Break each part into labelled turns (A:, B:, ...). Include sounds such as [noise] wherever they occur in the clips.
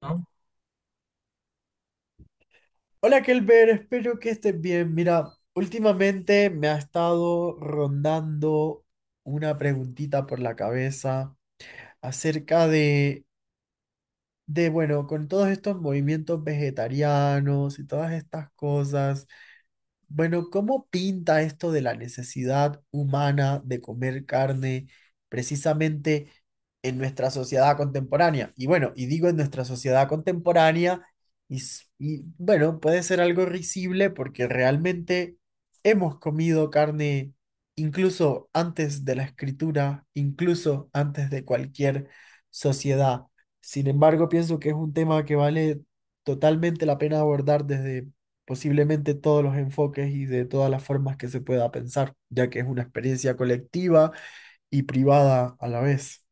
A: ¿No?
B: Hola Kelber, espero que estés bien. Mira, últimamente me ha estado rondando una preguntita por la cabeza acerca bueno, con todos estos movimientos vegetarianos y todas estas cosas. Bueno, ¿cómo pinta esto de la necesidad humana de comer carne precisamente en nuestra sociedad contemporánea? Y bueno, y digo en nuestra sociedad contemporánea, y bueno, puede ser algo risible porque realmente hemos comido carne incluso antes de la escritura, incluso antes de cualquier sociedad. Sin embargo, pienso que es un tema que vale totalmente la pena abordar desde posiblemente todos los enfoques y de todas las formas que se pueda pensar, ya que es una experiencia colectiva y privada a la vez.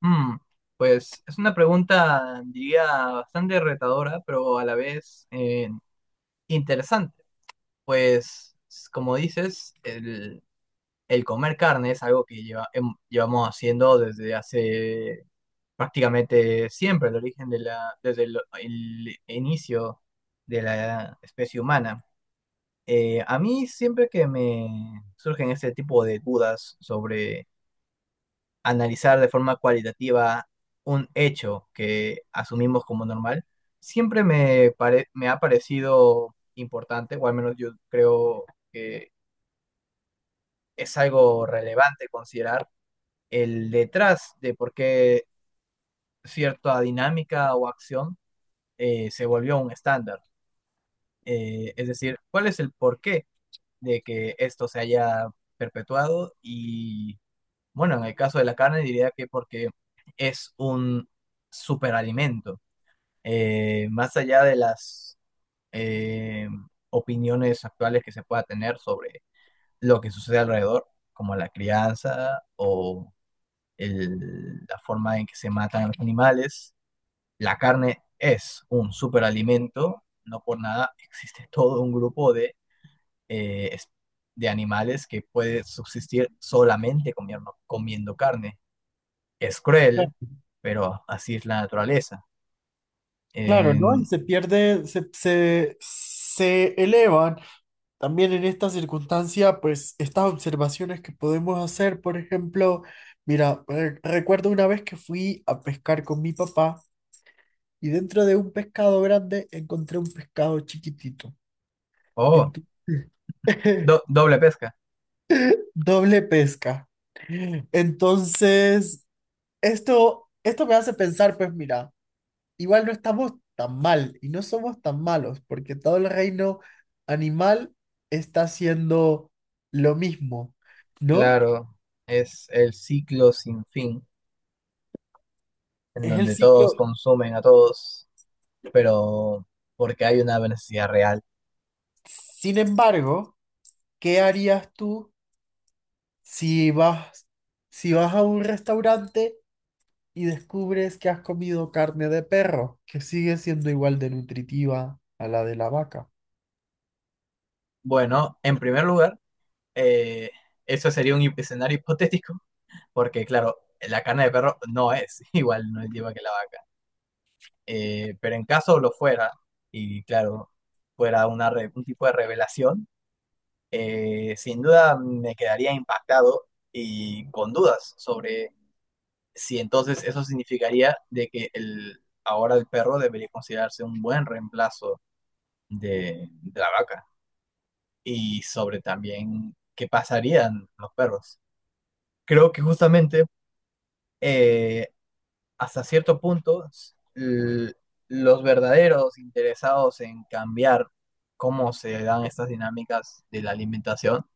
A: Mm, pues es una pregunta, diría, bastante retadora, pero a la vez interesante. Pues, como dices, el comer carne es algo que llevamos haciendo desde hace prácticamente siempre, el origen de desde el inicio de la especie humana. A mí siempre que me surgen este tipo de dudas sobre analizar de forma cualitativa un hecho que asumimos como normal, siempre me ha parecido importante, o al menos yo creo que es algo relevante considerar el detrás de por qué cierta dinámica o acción se volvió un estándar. Es decir, cuál es el porqué de que esto se haya perpetuado y, bueno, en el caso de la carne diría que porque es un superalimento más allá de las eh, opiniones actuales que se pueda tener sobre lo que sucede alrededor, como la crianza o la forma en que se matan a los animales, la carne es un superalimento, no por nada existe todo un grupo de, eh, es- de animales que puede subsistir solamente comiendo carne. Es cruel, pero así es la naturaleza.
B: Claro, ¿no? Y
A: En-
B: se pierde, se elevan también en esta circunstancia, pues estas observaciones que podemos hacer, por ejemplo, mira, recuerdo una vez que fui a pescar con mi papá y dentro de un pescado grande encontré un pescado chiquitito.
A: oh,
B: Entonces, [laughs]
A: doble pesca.
B: doble pesca. Entonces, esto me hace pensar, pues mira, igual no estamos tan mal y no somos tan malos, porque todo el reino animal está haciendo lo mismo, ¿no?
A: Claro, es el ciclo sin fin, en
B: Es el
A: donde
B: ciclo.
A: todos consumen a todos, pero porque hay una necesidad real.
B: Sin embargo, ¿qué harías tú si vas, si vas a un restaurante y descubres que has comido carne de perro, que sigue siendo igual de nutritiva a la de la vaca?
A: Bueno, en primer lugar, eh, eso sería un escenario hipotético, porque claro, la carne de perro no es [laughs] igual, no es igual que la vaca. Pero en caso lo fuera, y claro, fuera una un tipo de revelación, sin duda me quedaría impactado y con dudas sobre si entonces eso significaría de que ahora el perro debería considerarse un buen reemplazo de la vaca y sobre también qué pasarían los perros. Creo que justamente eh, hasta cierto punto l- los verdaderos interesados en cambiar cómo se dan estas dinámicas de la alimentación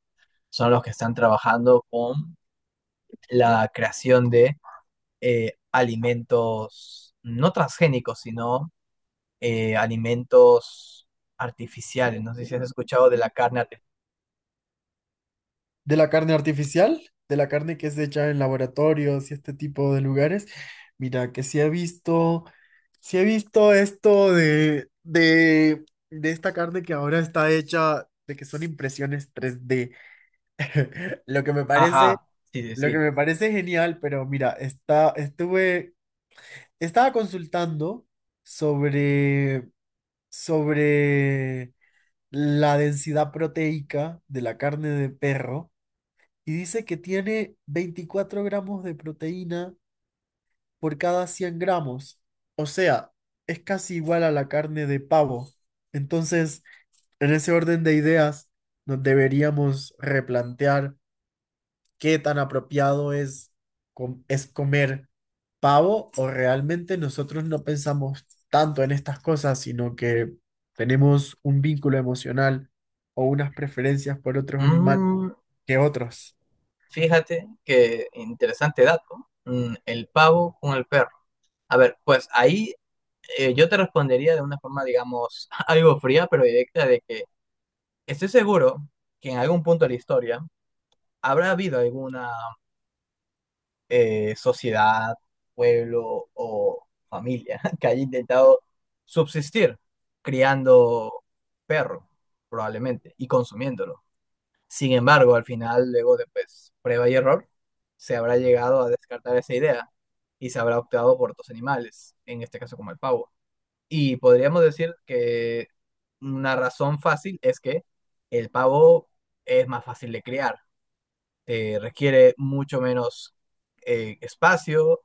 A: son los que están trabajando con la creación de alimentos no transgénicos, sino alimentos artificiales. No sé si has escuchado de la carne artificial.
B: De la carne artificial, de la carne que es hecha en laboratorios y este tipo de lugares. Mira, que sí he visto esto de esta carne que ahora está hecha, de que son impresiones 3D. [laughs] Lo que me parece,
A: Ajá, sí, sí,
B: lo que
A: sí.
B: me parece genial, pero mira, estaba consultando sobre, sobre la densidad proteica de la carne de perro y dice que tiene 24 gramos de proteína por cada 100 gramos. O sea, es casi igual a la carne de pavo. Entonces, en ese orden de ideas, nos deberíamos replantear qué tan apropiado es comer pavo o realmente nosotros no pensamos tanto en estas cosas, sino que tenemos un vínculo emocional o unas preferencias por otros animales
A: Mm,
B: que otros.
A: fíjate que interesante dato. Mm, el pavo con el perro. A ver, pues ahí yo te respondería de una forma, digamos, [laughs] algo fría, pero directa, de que estoy seguro que en algún punto de la historia habrá habido alguna sociedad, pueblo o familia [laughs] que haya intentado subsistir criando perro, probablemente, y consumiéndolo. Sin embargo, al final, luego de pues, prueba y error, se habrá llegado a descartar esa idea y se habrá optado por otros animales, en este caso como el pavo. Y podríamos decir que una razón fácil es que el pavo es más fácil de criar requiere mucho menos espacio,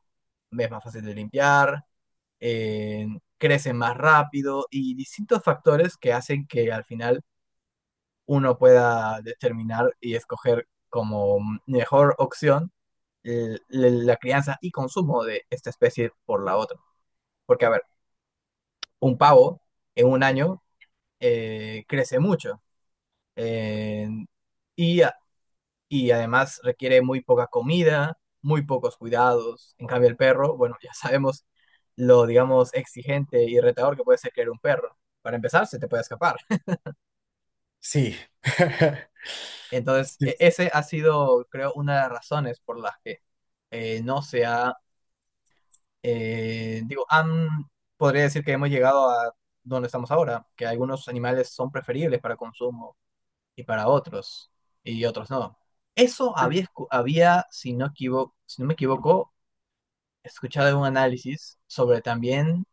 A: es más fácil de limpiar, eh, crece más rápido y distintos factores que hacen que al final uno pueda determinar y escoger como mejor opción la crianza y consumo de esta especie por la otra. Porque, a ver, un pavo en un año crece mucho eh, y a- y además requiere muy poca comida, muy pocos cuidados. En cambio, el perro, bueno, ya sabemos lo, digamos, exigente y retador que puede ser criar un perro. Para empezar, se te puede escapar.
B: Sí.
A: Entonces,
B: [laughs]
A: ese ha sido, creo, una de las razones por las que no se ha, digo, podría decir que hemos llegado a donde estamos ahora, que algunos animales son preferibles para consumo y para otros, y otros no. Eso había, había, si no si no me equivoco, he escuchado un análisis sobre también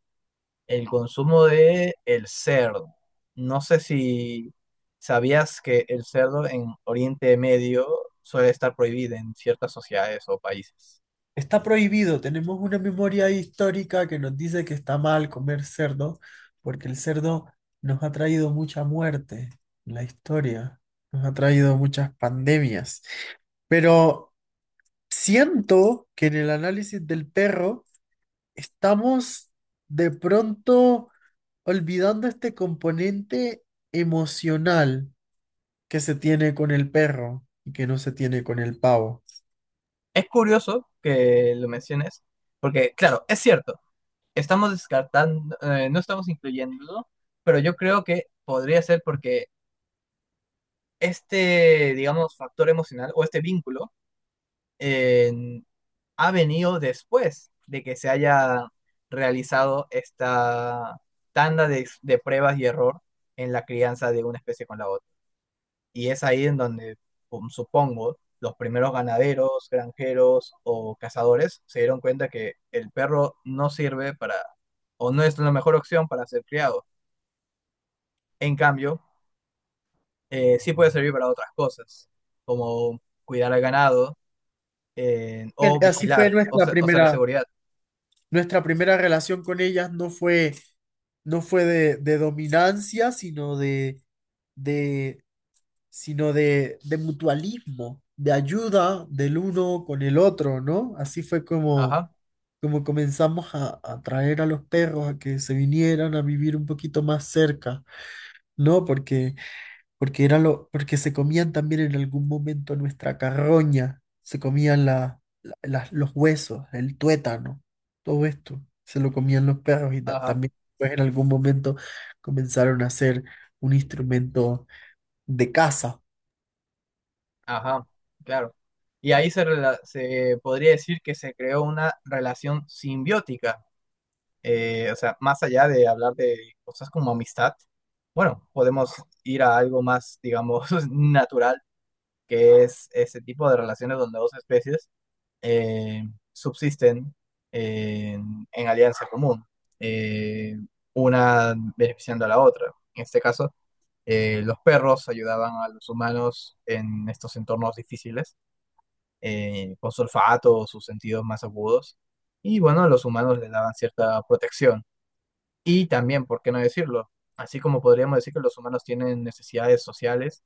A: el consumo de el cerdo. No sé si sabías que el cerdo en Oriente Medio suele estar prohibido en ciertas sociedades o países.
B: Está prohibido, tenemos una memoria histórica que nos dice que está mal comer cerdo, porque el cerdo nos ha traído mucha muerte en la historia, nos ha traído muchas pandemias. Pero siento que en el análisis del perro estamos de pronto olvidando este componente emocional que se tiene con el perro y que no se tiene con el pavo.
A: Es curioso que lo menciones, porque claro, es cierto, estamos descartando, no estamos incluyéndolo, pero yo creo que podría ser porque este, digamos, factor emocional o este vínculo eh, ha venido después de que se haya realizado esta tanda de pruebas y error en la crianza de una especie con la otra. Y es ahí en donde, supongo, los primeros ganaderos, granjeros o cazadores se dieron cuenta que el perro no sirve para, o no es la mejor opción para ser criado. En cambio, sí puede servir para otras cosas, como cuidar al ganado
B: Bien.
A: o
B: Así fue
A: vigilar o,
B: nuestra
A: o ser de
B: primera,
A: seguridad.
B: nuestra primera relación con ellas no fue, no fue de dominancia, de, sino de mutualismo, de ayuda del uno con el otro, ¿no? Así fue como,
A: Ajá,
B: como comenzamos a traer a los perros a que se vinieran a vivir un poquito más cerca, ¿no? Porque era lo, porque se comían también en algún momento nuestra carroña, se comían los huesos, el tuétano, todo esto, se lo comían los perros y
A: ajá.
B: también pues, en algún momento comenzaron a ser un instrumento de caza.
A: Ajá, claro. Y ahí se podría decir que se creó una relación simbiótica. O sea, más allá de hablar de cosas como amistad, bueno, podemos ir a algo más, digamos, [laughs] natural, que es ese tipo de relaciones donde dos especies eh, subsisten en alianza común, eh, una beneficiando a la otra. En este caso, los perros ayudaban a los humanos en estos entornos difíciles con su olfato o sus sentidos más agudos. Y bueno, los humanos les daban cierta protección. Y también, ¿por qué no decirlo? Así como podríamos decir que los humanos tienen necesidades sociales,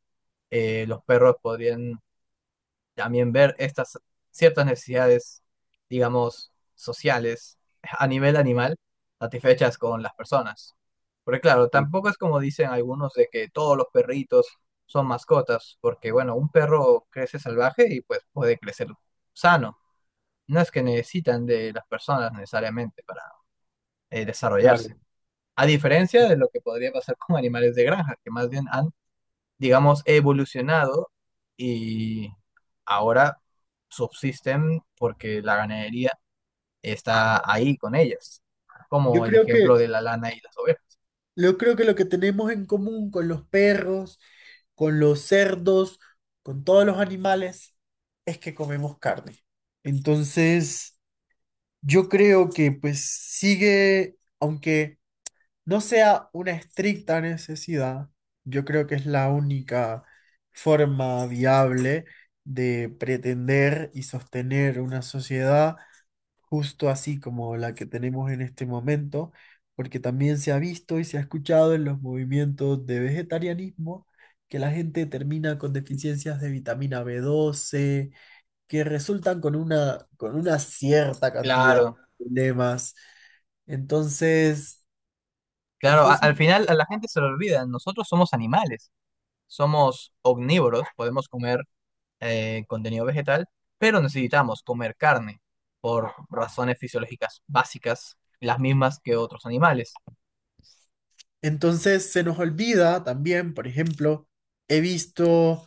A: los perros podrían también ver estas ciertas necesidades, digamos, sociales a nivel animal, satisfechas con las personas. Porque claro,
B: Sí,
A: tampoco es como dicen algunos de que todos los perritos son mascotas, porque bueno, un perro crece salvaje y pues puede crecer sano no es que necesitan de las personas necesariamente para desarrollarse.
B: claro.
A: A diferencia de lo que podría pasar con animales de granja, que más bien han, digamos, evolucionado y ahora subsisten porque la ganadería está ahí con ellas,
B: Yo
A: como el
B: creo
A: ejemplo
B: que,
A: de la lana y las ovejas.
B: yo creo que lo que tenemos en común con los perros, con los cerdos, con todos los animales, es que comemos carne. Entonces, yo creo que pues sigue, aunque no sea una estricta necesidad, yo creo que es la única forma viable de pretender y sostener una sociedad justo así como la que tenemos en este momento, porque también se ha visto y se ha escuchado en los movimientos de vegetarianismo que la gente termina con deficiencias de vitamina B12 que resultan con con una cierta cantidad
A: Claro,
B: de problemas. Entonces,
A: claro,
B: entonces,
A: al final a la gente se le olvida, nosotros somos animales, somos omnívoros, podemos comer contenido vegetal, pero necesitamos comer carne por razones fisiológicas básicas, las mismas que otros animales.
B: entonces se nos olvida también, por ejemplo, he visto,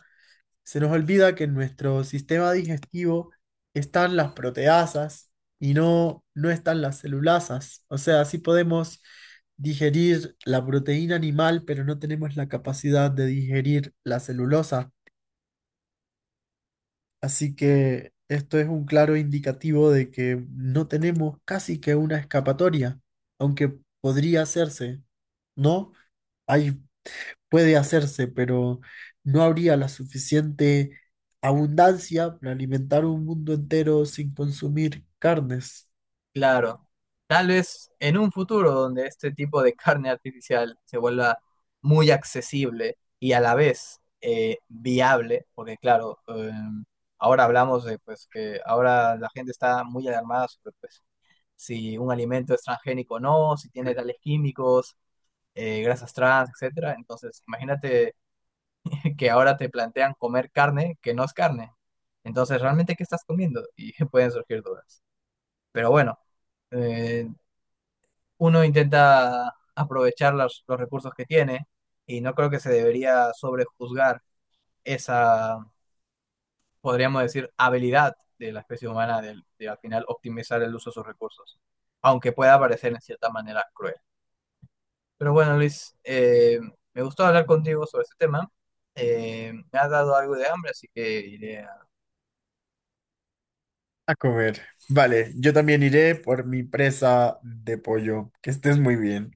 B: se nos olvida que en nuestro sistema digestivo están las proteasas y no, no están las celulasas. O sea, sí podemos digerir la proteína animal, pero no tenemos la capacidad de digerir la celulosa. Así que esto es un claro indicativo de que no tenemos casi que una escapatoria, aunque podría hacerse, ¿no? Ahí puede hacerse, pero no habría la suficiente abundancia para alimentar un mundo entero sin consumir carnes.
A: Claro, tal vez en un futuro donde este tipo de carne artificial se vuelva muy accesible y a la vez viable, porque claro, ahora hablamos de pues que ahora la gente está muy alarmada sobre pues si un alimento es transgénico o no, si tiene tales químicos, grasas trans, etcétera. Entonces, imagínate [laughs] que ahora te plantean comer carne que no es carne. Entonces, ¿realmente qué estás comiendo? Y [laughs] pueden surgir dudas. Pero bueno, eh, uno intenta aprovechar los recursos que tiene y no creo que se debería sobrejuzgar esa, podríamos decir, habilidad de la especie humana de al final optimizar el uso de sus recursos, aunque pueda parecer en cierta manera cruel. Pero bueno, Luis, me gustó hablar contigo sobre este tema. Me ha dado algo de hambre, así que iré a
B: A comer. Vale, yo también iré por mi presa de pollo. Que estés muy bien.